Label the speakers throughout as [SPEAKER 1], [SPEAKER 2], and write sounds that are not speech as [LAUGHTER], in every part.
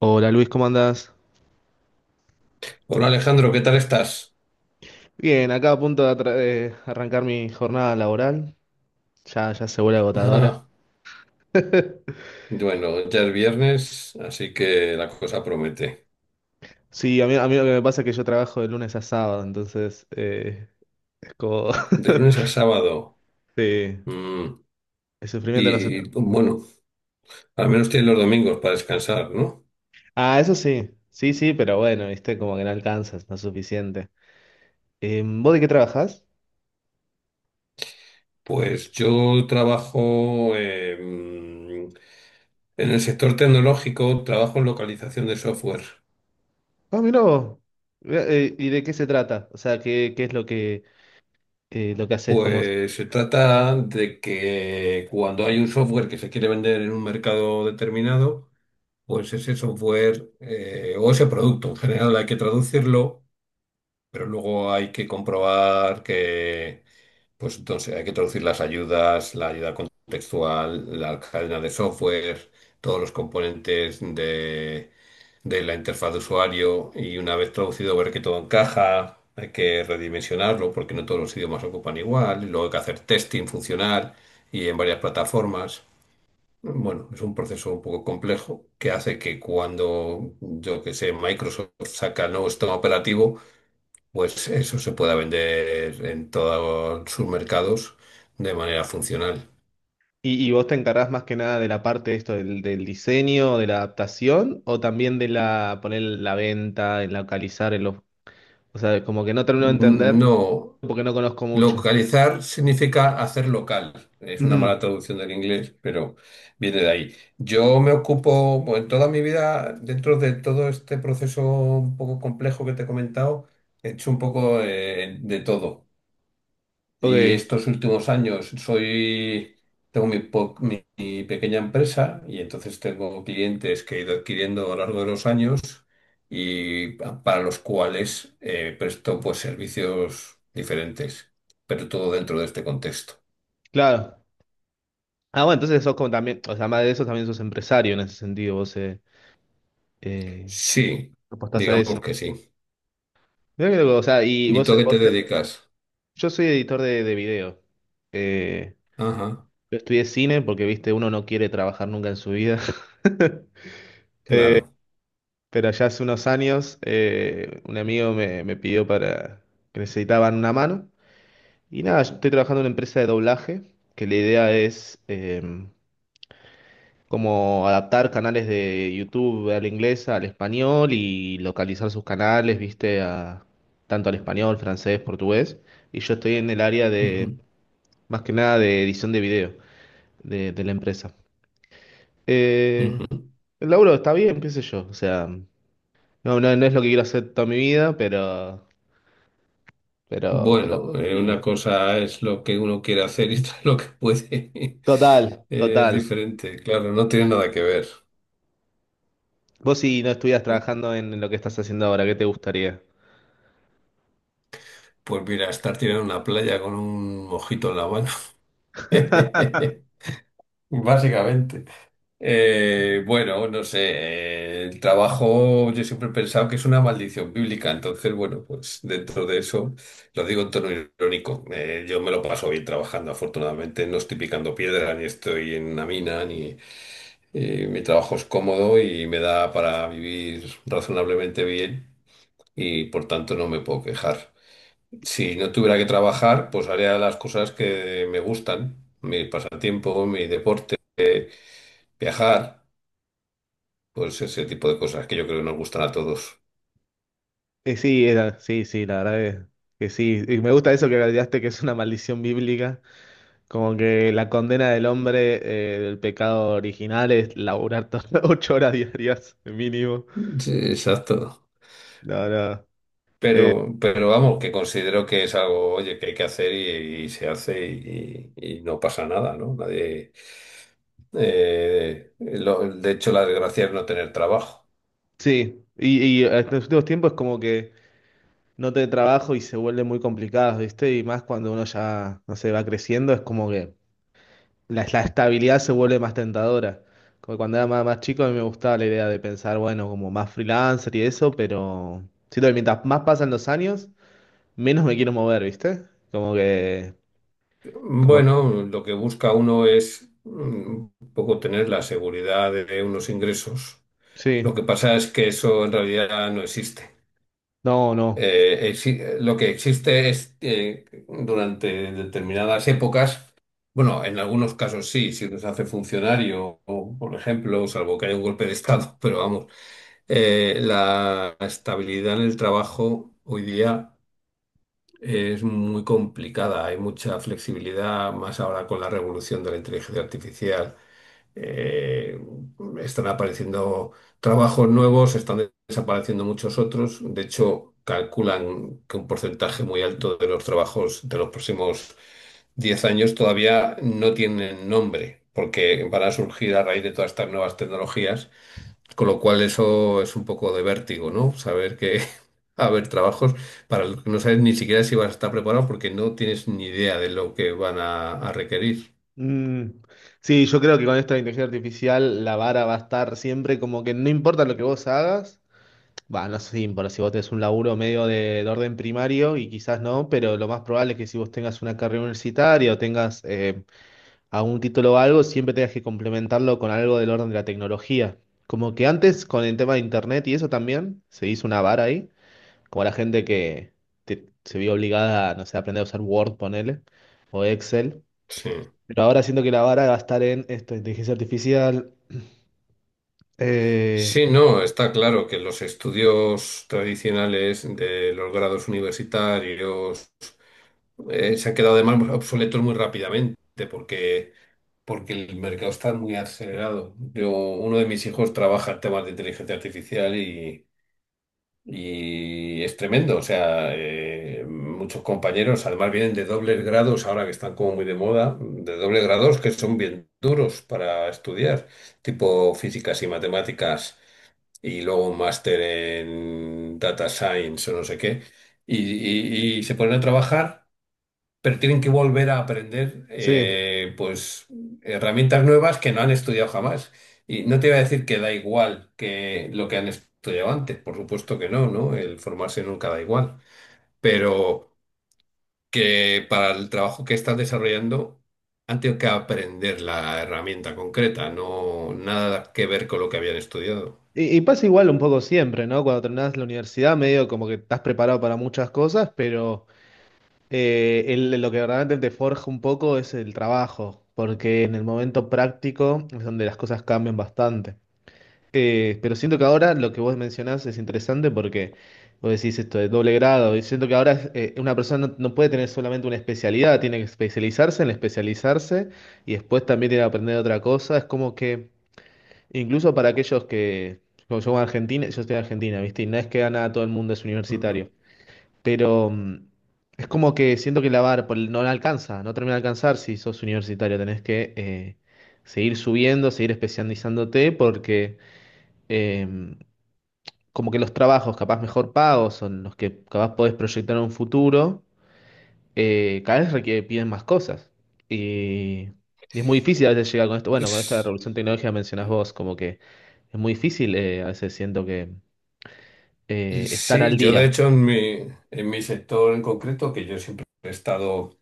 [SPEAKER 1] Hola Luis, ¿cómo andás?
[SPEAKER 2] Hola Alejandro, ¿qué tal estás?
[SPEAKER 1] Bien, acá a punto de arrancar mi jornada laboral. Ya, ya se vuelve
[SPEAKER 2] [LAUGHS]
[SPEAKER 1] agotadora.
[SPEAKER 2] Ah,
[SPEAKER 1] [LAUGHS]
[SPEAKER 2] bueno, ya es viernes, así que la cosa promete.
[SPEAKER 1] Sí, a mí lo que me pasa es que yo trabajo de lunes a sábado, entonces es como.
[SPEAKER 2] De lunes a sábado.
[SPEAKER 1] [LAUGHS] Sí,
[SPEAKER 2] Mm,
[SPEAKER 1] el sufrimiento no se
[SPEAKER 2] y
[SPEAKER 1] termina.
[SPEAKER 2] bueno, al menos tienes los domingos para descansar, ¿no?
[SPEAKER 1] Ah, eso sí, sí, sí, pero bueno, viste, como que no alcanzas, no es suficiente. ¿Vos de qué trabajás?
[SPEAKER 2] Pues yo trabajo en el sector tecnológico, trabajo en localización de software.
[SPEAKER 1] Ah, mirá vos. Mirá, ¿y de qué se trata? O sea, ¿qué es lo que haces? ¿Cómo?
[SPEAKER 2] Pues se trata de que cuando hay un software que se quiere vender en un mercado determinado, pues ese software o ese producto en general hay que traducirlo, pero luego hay que comprobar pues entonces hay que traducir las ayudas, la ayuda contextual, la cadena de software, todos los componentes de la interfaz de usuario y una vez traducido ver que todo encaja. Hay que redimensionarlo porque no todos los idiomas ocupan igual. Y luego hay que hacer testing funcional y en varias plataformas. Bueno, es un proceso un poco complejo que hace que cuando, yo que sé, Microsoft saca el nuevo sistema operativo, pues eso se pueda vender en todos sus mercados de manera funcional.
[SPEAKER 1] ¿Y vos te encargás más que nada de la parte de esto del diseño, de la adaptación, o también de la poner la venta, en localizar, en los, o sea, como que no termino de entender
[SPEAKER 2] No,
[SPEAKER 1] porque no conozco mucho.
[SPEAKER 2] localizar significa hacer local. Es una mala
[SPEAKER 1] Ujú.
[SPEAKER 2] traducción del inglés, pero viene de ahí. Yo me ocupo, bueno, en toda mi vida, dentro de todo este proceso un poco complejo que te he comentado, he hecho un poco de todo. Y
[SPEAKER 1] Ok,
[SPEAKER 2] estos últimos años tengo mi pequeña empresa y entonces tengo clientes que he ido adquiriendo a lo largo de los años y para los cuales presto pues servicios diferentes, pero todo dentro de este contexto.
[SPEAKER 1] claro. Ah, bueno, entonces sos como también, o sea, además de eso también sos empresario en ese sentido, vos eh,
[SPEAKER 2] Sí,
[SPEAKER 1] apostás a eso.
[SPEAKER 2] digamos que sí.
[SPEAKER 1] Mirá que loco, o sea,
[SPEAKER 2] ¿Y tú a qué te dedicas?
[SPEAKER 1] yo soy editor de video. Eh,
[SPEAKER 2] Ajá,
[SPEAKER 1] yo estudié cine porque, viste, uno no quiere trabajar nunca en su vida. [LAUGHS]
[SPEAKER 2] claro.
[SPEAKER 1] Pero ya hace unos años un amigo me pidió para que necesitaban una mano. Y nada, yo estoy trabajando en una empresa de doblaje, que la idea es como adaptar canales de YouTube al inglés, al español y localizar sus canales, viste, a, tanto al español, francés, portugués. Y yo estoy en el área de,
[SPEAKER 2] Ujú,
[SPEAKER 1] más que nada, de edición de video de la empresa. Eh,
[SPEAKER 2] ujú.
[SPEAKER 1] el laburo está bien, qué sé yo. O sea, no, no, no es lo que quiero hacer toda mi vida, pero. Pero,
[SPEAKER 2] Bueno,
[SPEAKER 1] sí, no.
[SPEAKER 2] una cosa es lo que uno quiere hacer y otra lo que puede. [LAUGHS]
[SPEAKER 1] Total,
[SPEAKER 2] Es
[SPEAKER 1] total.
[SPEAKER 2] diferente, claro, no tiene nada que ver.
[SPEAKER 1] Vos si no estuvieras trabajando en lo que estás haciendo ahora, ¿qué te gustaría?
[SPEAKER 2] Pues mira, estar tirando en una playa con un mojito en la mano. [LAUGHS] Básicamente. Bueno, no sé, el trabajo yo siempre he pensado que es una maldición bíblica, entonces bueno, pues dentro de eso lo digo en tono irónico. Yo me lo paso bien trabajando, afortunadamente no estoy picando piedra, ni estoy en una mina, ni mi trabajo es cómodo y me da para vivir razonablemente bien. Y por tanto no me puedo quejar. Si no tuviera que trabajar, pues haría las cosas que me gustan, mi pasatiempo, mi deporte, viajar, pues ese tipo de cosas que yo creo que nos gustan a todos.
[SPEAKER 1] Sí, sí, sí, la verdad es que sí. Y me gusta eso que agregaste que es una maldición bíblica, como que la condena del hombre, del pecado original es laburar [LAUGHS] 8 horas diarias mínimo.
[SPEAKER 2] Sí, exacto.
[SPEAKER 1] No, no.
[SPEAKER 2] Pero vamos, que considero que es algo, oye, que hay que hacer y se hace y no pasa nada, ¿no? Nadie, de hecho, la desgracia es no tener trabajo.
[SPEAKER 1] Sí, y en los últimos tiempos es como que no te trabajo y se vuelve muy complicado, ¿viste? Y más cuando uno ya, no sé, va creciendo, es como que. La estabilidad se vuelve más tentadora. Como cuando era más, más chico, a mí me gustaba la idea de pensar, bueno, como más freelancer y eso, pero siento que mientras más pasan los años, menos me quiero mover, ¿viste? Como que, como,
[SPEAKER 2] Bueno, lo que busca uno es mm, un poco tener la seguridad de unos ingresos. Lo
[SPEAKER 1] sí,
[SPEAKER 2] que pasa es que eso en realidad no existe.
[SPEAKER 1] no, no.
[SPEAKER 2] Lo que existe es durante determinadas épocas, bueno, en algunos casos sí, si uno se hace funcionario, o, por ejemplo, salvo que haya un golpe de estado, [LAUGHS] pero vamos, la estabilidad en el trabajo hoy día es muy complicada, hay mucha flexibilidad, más ahora con la revolución de la inteligencia artificial. Eh, Están apareciendo trabajos nuevos, están desapareciendo muchos otros. De hecho, calculan que un porcentaje muy alto de los trabajos de los próximos 10 años todavía no tienen nombre, porque van a surgir a raíz de todas estas nuevas tecnologías con lo cual eso es un poco de vértigo, ¿no? Saber que [LAUGHS] va a haber trabajos para los que no sabes ni siquiera si vas a estar preparado porque no tienes ni idea de lo que van a requerir.
[SPEAKER 1] Mm, sí, yo creo que con esta inteligencia artificial la vara va a estar siempre como que no importa lo que vos hagas. Va, no sé si importa si vos tenés un laburo medio de orden primario y quizás no, pero lo más probable es que si vos tengas una carrera universitaria o tengas a un título o algo, siempre tengas que complementarlo con algo del orden de la tecnología. Como que antes con el tema de internet y eso también, se hizo una vara ahí, como la gente que se vio obligada a, no sé, aprender a usar Word, ponele, o Excel.
[SPEAKER 2] Sí.
[SPEAKER 1] Pero ahora siento que la vara va a estar en esto, inteligencia artificial. eh,
[SPEAKER 2] Sí, no, está claro que los estudios tradicionales de los grados universitarios se han quedado además obsoletos muy rápidamente porque, porque el mercado está muy acelerado. Yo, uno de mis hijos trabaja en temas de inteligencia artificial y... Y es tremendo, o sea, muchos compañeros además vienen de dobles grados, ahora que están como muy de moda, de dobles grados que son bien duros para estudiar, tipo físicas y matemáticas, y luego un máster en data science o no sé qué, y se ponen a trabajar pero tienen que volver a aprender
[SPEAKER 1] sí.
[SPEAKER 2] pues herramientas nuevas que no han estudiado jamás. Y no te iba a decir que da igual que lo que han estudiado antes, por supuesto que no, ¿no? El formarse nunca da igual, pero que para el trabajo que estás desarrollando han tenido que aprender la herramienta concreta, no nada que ver con lo que habían estudiado.
[SPEAKER 1] Y pasa igual un poco siempre, ¿no? Cuando terminás la universidad, medio como que estás preparado para muchas cosas, pero lo que verdaderamente te forja un poco es el trabajo, porque en el momento práctico es donde las cosas cambian bastante. Pero siento que ahora lo que vos mencionás es interesante porque vos decís esto de doble grado, y siento que ahora es, una persona no, no puede tener solamente una especialidad, tiene que especializarse en especializarse y después también tiene que aprender otra cosa. Es como que incluso para aquellos que, como yo en Argentina, yo estoy en Argentina, ¿viste? Y no es que a nada todo el mundo es universitario.
[SPEAKER 2] Ujú.
[SPEAKER 1] Pero es como que siento que la barra por no la alcanza, no termina de alcanzar si sos universitario. Tenés que seguir subiendo, seguir especializándote, porque eh, como que los trabajos capaz mejor pagos, son los que capaz podés proyectar en un futuro, cada vez requieren piden más cosas. Y, y es muy difícil a veces llegar con esto. Bueno, con esta
[SPEAKER 2] Es-
[SPEAKER 1] revolución tecnológica mencionás vos, como que es muy difícil, a veces siento que estar
[SPEAKER 2] Sí,
[SPEAKER 1] al
[SPEAKER 2] yo de
[SPEAKER 1] día.
[SPEAKER 2] hecho en mi sector en concreto, que yo siempre he estado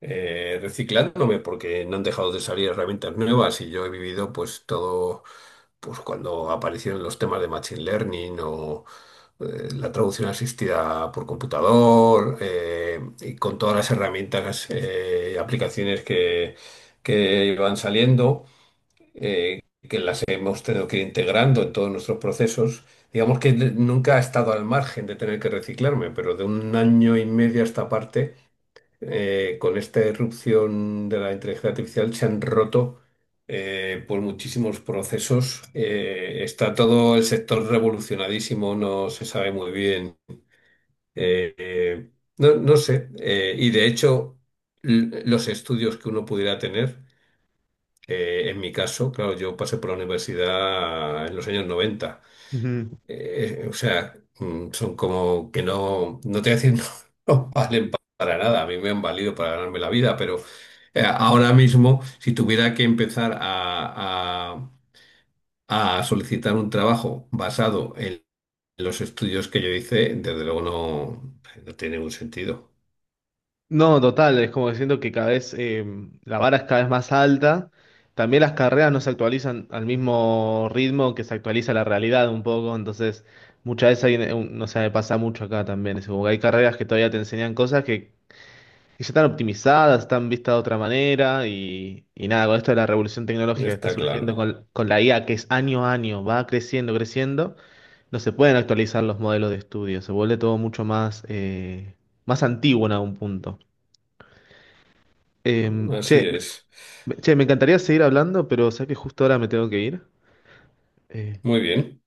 [SPEAKER 2] reciclándome porque no han dejado de salir herramientas nuevas y yo he vivido pues todo, pues cuando aparecieron los temas de Machine Learning o la traducción asistida por computador y con todas las herramientas y aplicaciones que iban saliendo. eh, que las hemos tenido que ir integrando en todos nuestros procesos. Digamos que nunca he estado al margen de tener que reciclarme, pero de un año y medio a esta parte con esta irrupción de la inteligencia artificial se han roto pues muchísimos procesos. Está todo el sector revolucionadísimo, no se sabe muy bien. Eh, eh, no, no sé. Y de hecho, los estudios que uno pudiera tener, en mi caso, claro, yo pasé por la universidad en los años 90
[SPEAKER 1] Ujú.
[SPEAKER 2] o sea, mm, son como que no, no te voy a decir, [LAUGHS] no valen para nada. A mí me han valido para ganarme la vida, pero ahora mismo, si tuviera que empezar a solicitar un trabajo basado en los estudios que yo hice, desde luego no, no tiene ningún sentido.
[SPEAKER 1] No, total, es como diciendo que cada vez la vara es cada vez más alta. También las carreras no se actualizan al mismo ritmo que se actualiza la realidad un poco, entonces muchas veces hay, no sé, me pasa mucho acá también. Es como que hay carreras que todavía te enseñan cosas que ya están optimizadas, están vistas de otra manera y nada, con esto de la revolución tecnológica que está
[SPEAKER 2] Está
[SPEAKER 1] surgiendo
[SPEAKER 2] claro.
[SPEAKER 1] con la IA, que es año a año, va creciendo, creciendo, no se pueden actualizar los modelos de estudio, se vuelve todo mucho más antiguo en algún punto.
[SPEAKER 2] Así
[SPEAKER 1] Che,
[SPEAKER 2] es.
[SPEAKER 1] che, me encantaría seguir hablando, pero sé que justo ahora me tengo que ir. Eh,
[SPEAKER 2] Muy bien.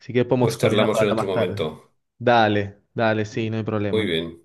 [SPEAKER 1] Así que podemos
[SPEAKER 2] Pues
[SPEAKER 1] coordinar
[SPEAKER 2] charlamos
[SPEAKER 1] para
[SPEAKER 2] en
[SPEAKER 1] hablar
[SPEAKER 2] otro
[SPEAKER 1] más tarde.
[SPEAKER 2] momento.
[SPEAKER 1] Dale, dale, sí, no hay
[SPEAKER 2] Muy
[SPEAKER 1] problema.
[SPEAKER 2] bien.